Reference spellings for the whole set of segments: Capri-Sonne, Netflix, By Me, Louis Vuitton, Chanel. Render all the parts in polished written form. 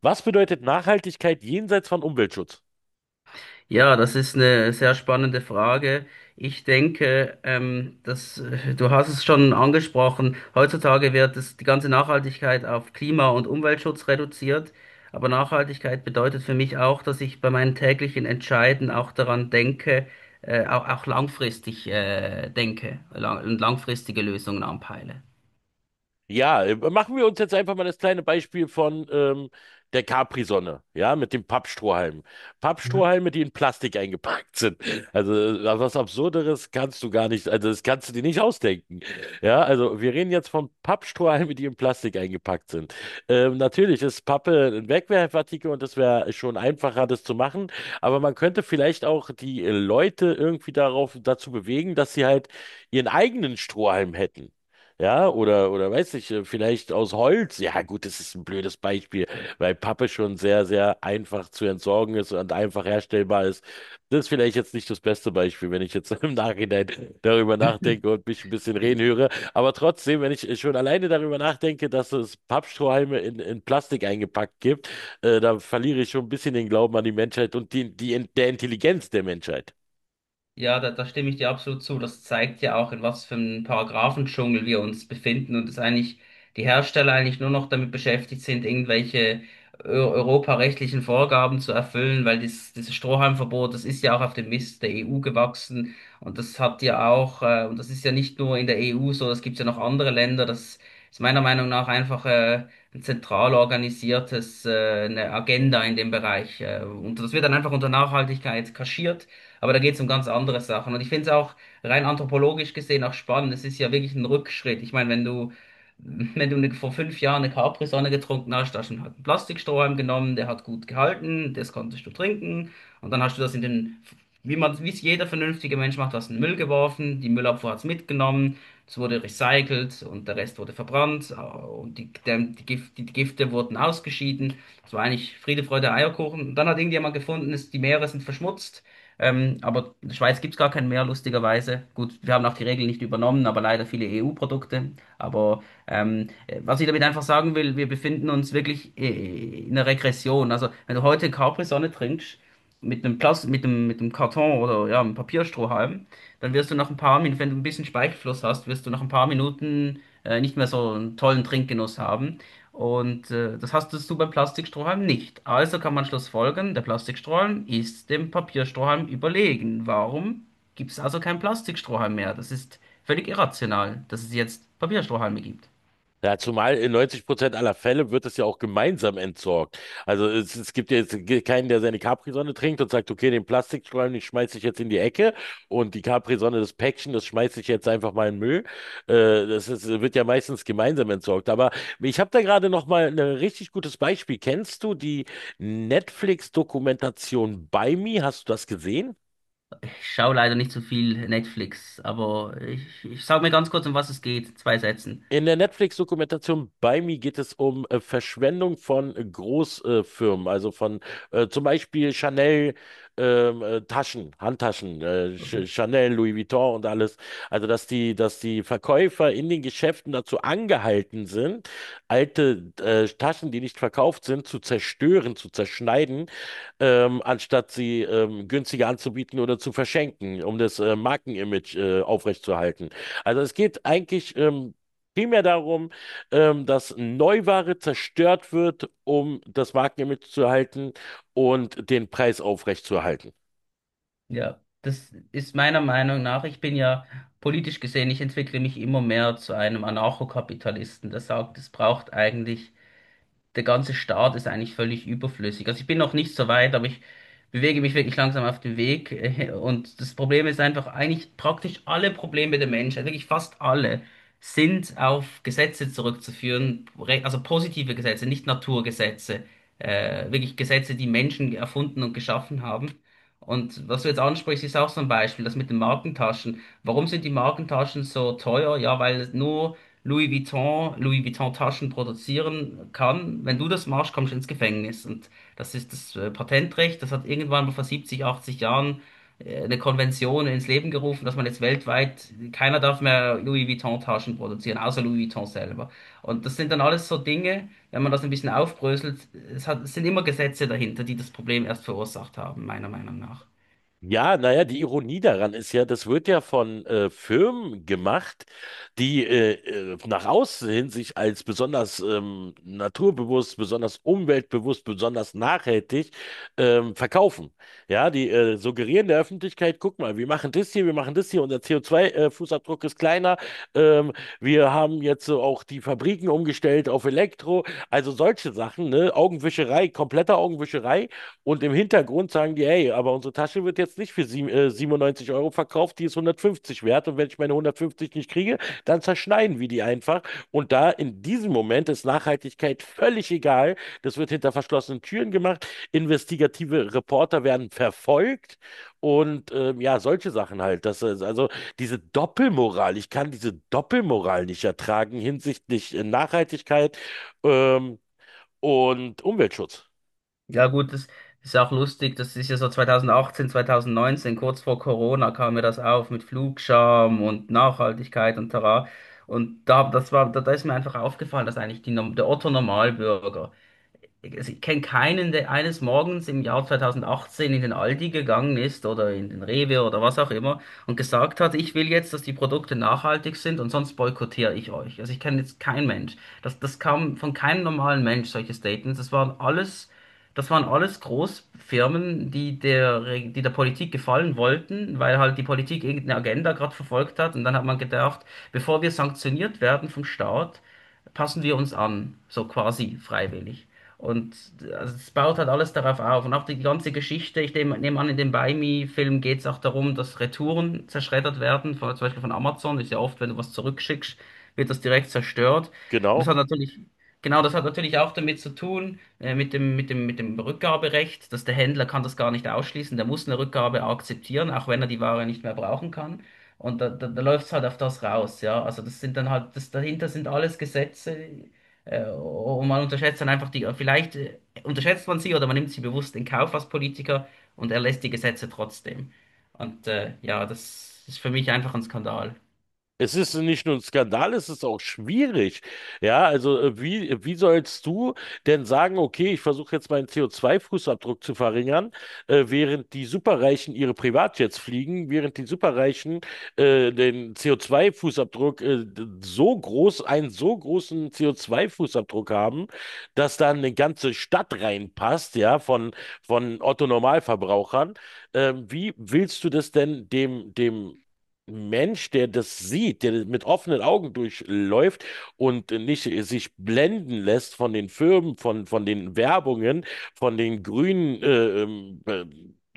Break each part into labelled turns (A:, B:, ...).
A: Was bedeutet Nachhaltigkeit jenseits von Umweltschutz?
B: Ja, das ist eine sehr spannende Frage. Ich denke, dass du hast es schon angesprochen, heutzutage wird die ganze Nachhaltigkeit auf Klima- und Umweltschutz reduziert. Aber Nachhaltigkeit bedeutet für mich auch, dass ich bei meinen täglichen Entscheiden auch daran denke, auch langfristig, denke langfristige Lösungen anpeile.
A: Ja, machen wir uns jetzt einfach mal das kleine Beispiel von der Capri-Sonne, ja, mit dem Pappstrohhalm.
B: Mhm.
A: Pappstrohhalme, die in Plastik eingepackt sind. Also was Absurderes kannst du gar nicht, also das kannst du dir nicht ausdenken. Ja, also wir reden jetzt von Pappstrohhalmen, die in Plastik eingepackt sind. Natürlich ist Pappe ein Wegwerfartikel und das wäre schon einfacher, das zu machen, aber man könnte vielleicht auch die Leute irgendwie darauf, dazu bewegen, dass sie halt ihren eigenen Strohhalm hätten. Ja, oder weiß ich, vielleicht aus Holz. Ja, gut, das ist ein blödes Beispiel, weil Pappe schon sehr, sehr einfach zu entsorgen ist und einfach herstellbar ist. Das ist vielleicht jetzt nicht das beste Beispiel, wenn ich jetzt im Nachhinein darüber nachdenke und mich ein bisschen reden höre. Aber trotzdem, wenn ich schon alleine darüber nachdenke, dass es Pappstrohhalme in Plastik eingepackt gibt, da verliere ich schon ein bisschen den Glauben an die Menschheit und der Intelligenz der Menschheit.
B: Ja, da stimme ich dir absolut zu. Das zeigt ja auch, in was für einem Paragraphendschungel wir uns befinden und dass eigentlich die Hersteller eigentlich nur noch damit beschäftigt sind, irgendwelche europarechtlichen Vorgaben zu erfüllen, weil dieses Strohhalmverbot, das ist ja auch auf dem Mist der EU gewachsen. Und das hat ja auch, und das ist ja nicht nur in der EU so, das gibt es ja noch andere Länder. Das ist meiner Meinung nach einfach ein zentral organisiertes, eine Agenda in dem Bereich. Und das wird dann einfach unter Nachhaltigkeit kaschiert. Aber da geht es um ganz andere Sachen. Und ich finde es auch rein anthropologisch gesehen auch spannend. Es ist ja wirklich ein Rückschritt. Ich meine, wenn du, wenn du vor fünf Jahren eine Capri-Sonne getrunken hast, hast du halt einen Plastikstrohhalm genommen, der hat gut gehalten, das konntest du trinken. Und dann hast du das in wie man, wie es jeder vernünftige Mensch macht, hast du in den Müll geworfen, die Müllabfuhr hat es mitgenommen, es wurde recycelt und der Rest wurde verbrannt, und die Gifte wurden ausgeschieden. Es war eigentlich Friede, Freude, Eierkuchen. Und dann hat irgendjemand gefunden, dass die Meere sind verschmutzt. Aber in der Schweiz gibt's gar keinen mehr, lustigerweise. Gut, wir haben auch die Regeln nicht übernommen, aber leider viele EU-Produkte. Aber was ich damit einfach sagen will, wir befinden uns wirklich in einer Regression. Also wenn du heute Capri-Sonne trinkst, mit einem mit einem Karton oder ja, einem Papierstrohhalm, dann wirst du nach ein paar Minuten, wenn du ein bisschen Speichelfluss hast, wirst du nach ein paar Minuten nicht mehr so einen tollen Trinkgenuss haben. Und das hast du beim Plastikstrohhalm nicht. Also kann man schlussfolgern, der Plastikstrohhalm ist dem Papierstrohhalm überlegen. Warum gibt es also keinen Plastikstrohhalm mehr? Das ist völlig irrational, dass es jetzt Papierstrohhalme gibt.
A: Ja, zumal in 90% aller Fälle wird es ja auch gemeinsam entsorgt. Also es gibt ja jetzt keinen, der seine Capri-Sonne trinkt und sagt, okay, den Plastikstreifen, den schmeiße ich jetzt in die Ecke und die Capri-Sonne, das Päckchen, das schmeiße ich jetzt einfach mal in den Müll. Das ist, wird ja meistens gemeinsam entsorgt. Aber ich habe da gerade noch mal ein richtig gutes Beispiel. Kennst du die Netflix-Dokumentation By Me? Hast du das gesehen?
B: Ich schaue leider nicht so viel Netflix, aber ich sage mir ganz kurz, um was es geht. Zwei Sätzen.
A: In der Netflix-Dokumentation bei mir geht es um Verschwendung von Großfirmen, also von zum Beispiel Chanel, Taschen, Handtaschen, Ch
B: Okay.
A: Chanel, Louis Vuitton und alles. Also dass die Verkäufer in den Geschäften dazu angehalten sind, alte Taschen, die nicht verkauft sind, zu zerstören, zu zerschneiden, anstatt sie günstiger anzubieten oder zu verschenken, um das Markenimage aufrechtzuerhalten. Also es geht eigentlich primär darum, dass Neuware zerstört wird, um das Markenimage zu erhalten und den Preis aufrechtzuerhalten.
B: Ja, das ist meiner Meinung nach, ich bin ja politisch gesehen, ich entwickle mich immer mehr zu einem Anarchokapitalisten, der sagt, es braucht eigentlich, der ganze Start ist eigentlich völlig überflüssig. Also ich bin noch nicht so weit, aber ich bewege mich wirklich langsam auf den Weg. Und das Problem ist einfach, eigentlich praktisch alle Probleme der Menschheit, wirklich fast alle, sind auf Gesetze zurückzuführen, also positive Gesetze, nicht Naturgesetze, wirklich Gesetze, die Menschen erfunden und geschaffen haben. Und was du jetzt ansprichst, ist auch so ein Beispiel, das mit den Markentaschen. Warum sind die Markentaschen so teuer? Ja, weil es nur Louis Vuitton Taschen produzieren kann. Wenn du das machst, kommst du ins Gefängnis. Und das ist das Patentrecht. Das hat irgendwann mal vor 70, 80 Jahren eine Konvention ins Leben gerufen, dass man jetzt weltweit, keiner darf mehr Louis Vuitton Taschen produzieren, außer Louis Vuitton selber. Und das sind dann alles so Dinge, wenn man das ein bisschen aufbröselt, es sind immer Gesetze dahinter, die das Problem erst verursacht haben, meiner Meinung nach.
A: Ja, naja, die Ironie daran ist ja, das wird ja von Firmen gemacht, die nach außen hin sich als besonders naturbewusst, besonders umweltbewusst, besonders nachhaltig verkaufen. Ja, die suggerieren der Öffentlichkeit, guck mal, wir machen das hier, wir machen das hier, unser CO2-Fußabdruck ist kleiner, ähm, wir haben jetzt so auch die Fabriken umgestellt auf Elektro, also solche Sachen, ne? Augenwischerei, komplette Augenwischerei. Und im Hintergrund sagen die, hey, aber unsere Tasche wird jetzt nicht für 97 € verkauft, die ist 150 wert. Und wenn ich meine 150 nicht kriege, dann zerschneiden wir die einfach. Und da in diesem Moment ist Nachhaltigkeit völlig egal. Das wird hinter verschlossenen Türen gemacht. Investigative Reporter werden verfolgt. Und ja, solche Sachen halt. Das ist also diese Doppelmoral. Ich kann diese Doppelmoral nicht ertragen hinsichtlich Nachhaltigkeit ähm, und Umweltschutz.
B: Ja gut, das ist auch lustig, das ist ja so 2018, 2019, kurz vor Corona kam mir das auf mit Flugscham und Nachhaltigkeit und tara. Und da ist mir einfach aufgefallen, dass eigentlich der Otto Normalbürger, also ich kenne keinen, der eines Morgens im Jahr 2018 in den Aldi gegangen ist oder in den Rewe oder was auch immer und gesagt hat, ich will jetzt, dass die Produkte nachhaltig sind und sonst boykottiere ich euch. Also ich kenne jetzt keinen Mensch. Das kam von keinem normalen Mensch, solche Statements. Das waren alles Großfirmen, die der Politik gefallen wollten, weil halt die Politik irgendeine Agenda gerade verfolgt hat. Und dann hat man gedacht, bevor wir sanktioniert werden vom Staat, passen wir uns an, so quasi freiwillig. Und also es baut halt alles darauf auf. Und auch die ganze Geschichte, ich nehme an, in dem Buy Me-Film geht es auch darum, dass Retouren zerschreddert werden, zum Beispiel von Amazon. Ist ja oft, wenn du was zurückschickst, wird das direkt zerstört. Und das
A: Genau.
B: hat natürlich, genau, das hat natürlich auch damit zu tun, mit dem Rückgaberecht, dass der Händler kann das gar nicht ausschließen. Der muss eine Rückgabe akzeptieren, auch wenn er die Ware nicht mehr brauchen kann. Und da läuft es halt auf das raus, ja. Also das sind dann halt, das dahinter sind alles Gesetze, und man unterschätzt dann einfach vielleicht unterschätzt man sie oder man nimmt sie bewusst in Kauf als Politiker und erlässt die Gesetze trotzdem. Und ja, das ist für mich einfach ein Skandal.
A: Es ist nicht nur ein Skandal, es ist auch schwierig. Ja, also wie sollst du denn sagen, okay, ich versuche jetzt meinen CO2-Fußabdruck zu verringern, während die Superreichen ihre Privatjets fliegen, während die Superreichen den CO2-Fußabdruck so groß, einen so großen CO2-Fußabdruck haben, dass da eine ganze Stadt reinpasst, ja, von, Otto-Normalverbrauchern. Wie willst du das denn dem Mensch, der das sieht, der mit offenen Augen durchläuft und nicht sich blenden lässt von den Firmen, von den Werbungen, von den grünen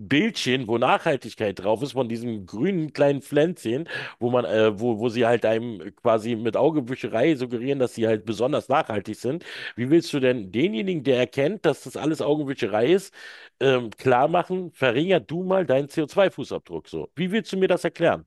A: Bildchen, wo Nachhaltigkeit drauf ist, von diesen grünen kleinen Pflänzchen, wo sie halt einem quasi mit Augenwischerei suggerieren, dass sie halt besonders nachhaltig sind. Wie willst du denn denjenigen, der erkennt, dass das alles Augenwischerei ist, klar machen, verringerst du mal deinen CO2-Fußabdruck so? Wie willst du mir das erklären?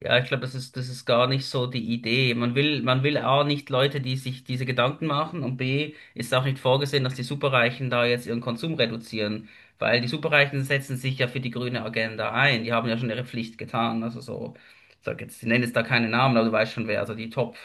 B: Ja, ich glaube, das ist gar nicht so die Idee. Man will A, nicht Leute, die sich diese Gedanken machen, und B, ist auch nicht vorgesehen, dass die Superreichen da jetzt ihren Konsum reduzieren, weil die Superreichen setzen sich ja für die grüne Agenda ein. Die haben ja schon ihre Pflicht getan. Also so, ich nenne jetzt da keine Namen, aber du weißt schon wer, also die Top.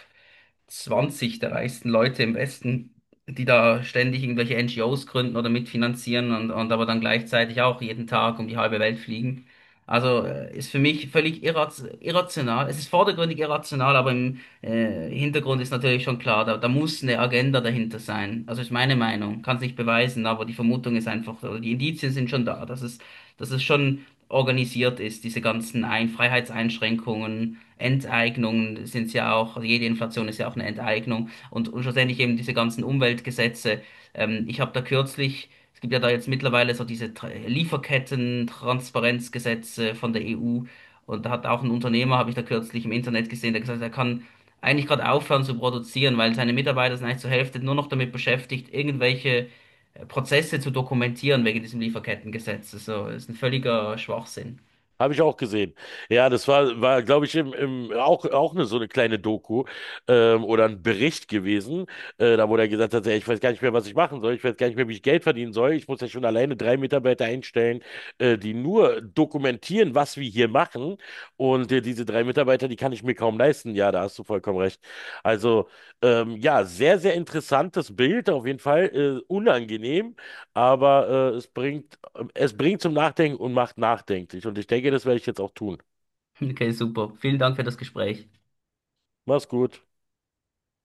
B: Zwanzig der reichsten Leute im Westen, die da ständig irgendwelche NGOs gründen oder mitfinanzieren und aber dann gleichzeitig auch jeden Tag um die halbe Welt fliegen. Also ist für mich völlig irraz irrational. Es ist vordergründig irrational, aber im Hintergrund ist natürlich schon klar, da muss eine Agenda dahinter sein. Also ist meine Meinung, kann es nicht beweisen, aber die Vermutung ist einfach, oder die Indizien sind schon da, dass es schon organisiert ist, diese ganzen Ein Freiheitseinschränkungen Enteignungen sind ja auch, also jede Inflation ist ja auch eine Enteignung und schlussendlich eben diese ganzen Umweltgesetze. Ich habe da kürzlich, es gibt ja da jetzt mittlerweile so diese Lieferketten-Transparenzgesetze von der EU und da hat auch ein Unternehmer, habe ich da kürzlich im Internet gesehen, der gesagt hat, er kann eigentlich gerade aufhören zu produzieren, weil seine Mitarbeiter sind eigentlich zur Hälfte nur noch damit beschäftigt, irgendwelche Prozesse zu dokumentieren wegen diesem Lieferkettengesetz. So, das ist ein völliger Schwachsinn.
A: Habe ich auch gesehen. Ja, das glaube ich, auch eine, so eine kleine Doku oder ein Bericht gewesen, da wo der gesagt hat, ey, ich weiß gar nicht mehr, was ich machen soll, ich weiß gar nicht mehr, wie ich Geld verdienen soll. Ich muss ja schon alleine drei Mitarbeiter einstellen, die nur dokumentieren, was wir hier machen. Und diese drei Mitarbeiter, die kann ich mir kaum leisten. Ja, da hast du vollkommen recht. Also, ja, sehr, sehr interessantes Bild, auf jeden Fall unangenehm, aber es bringt zum Nachdenken und macht nachdenklich. Und ich denke, das werde ich jetzt auch tun.
B: Okay, super. Vielen Dank für das Gespräch.
A: Mach's gut.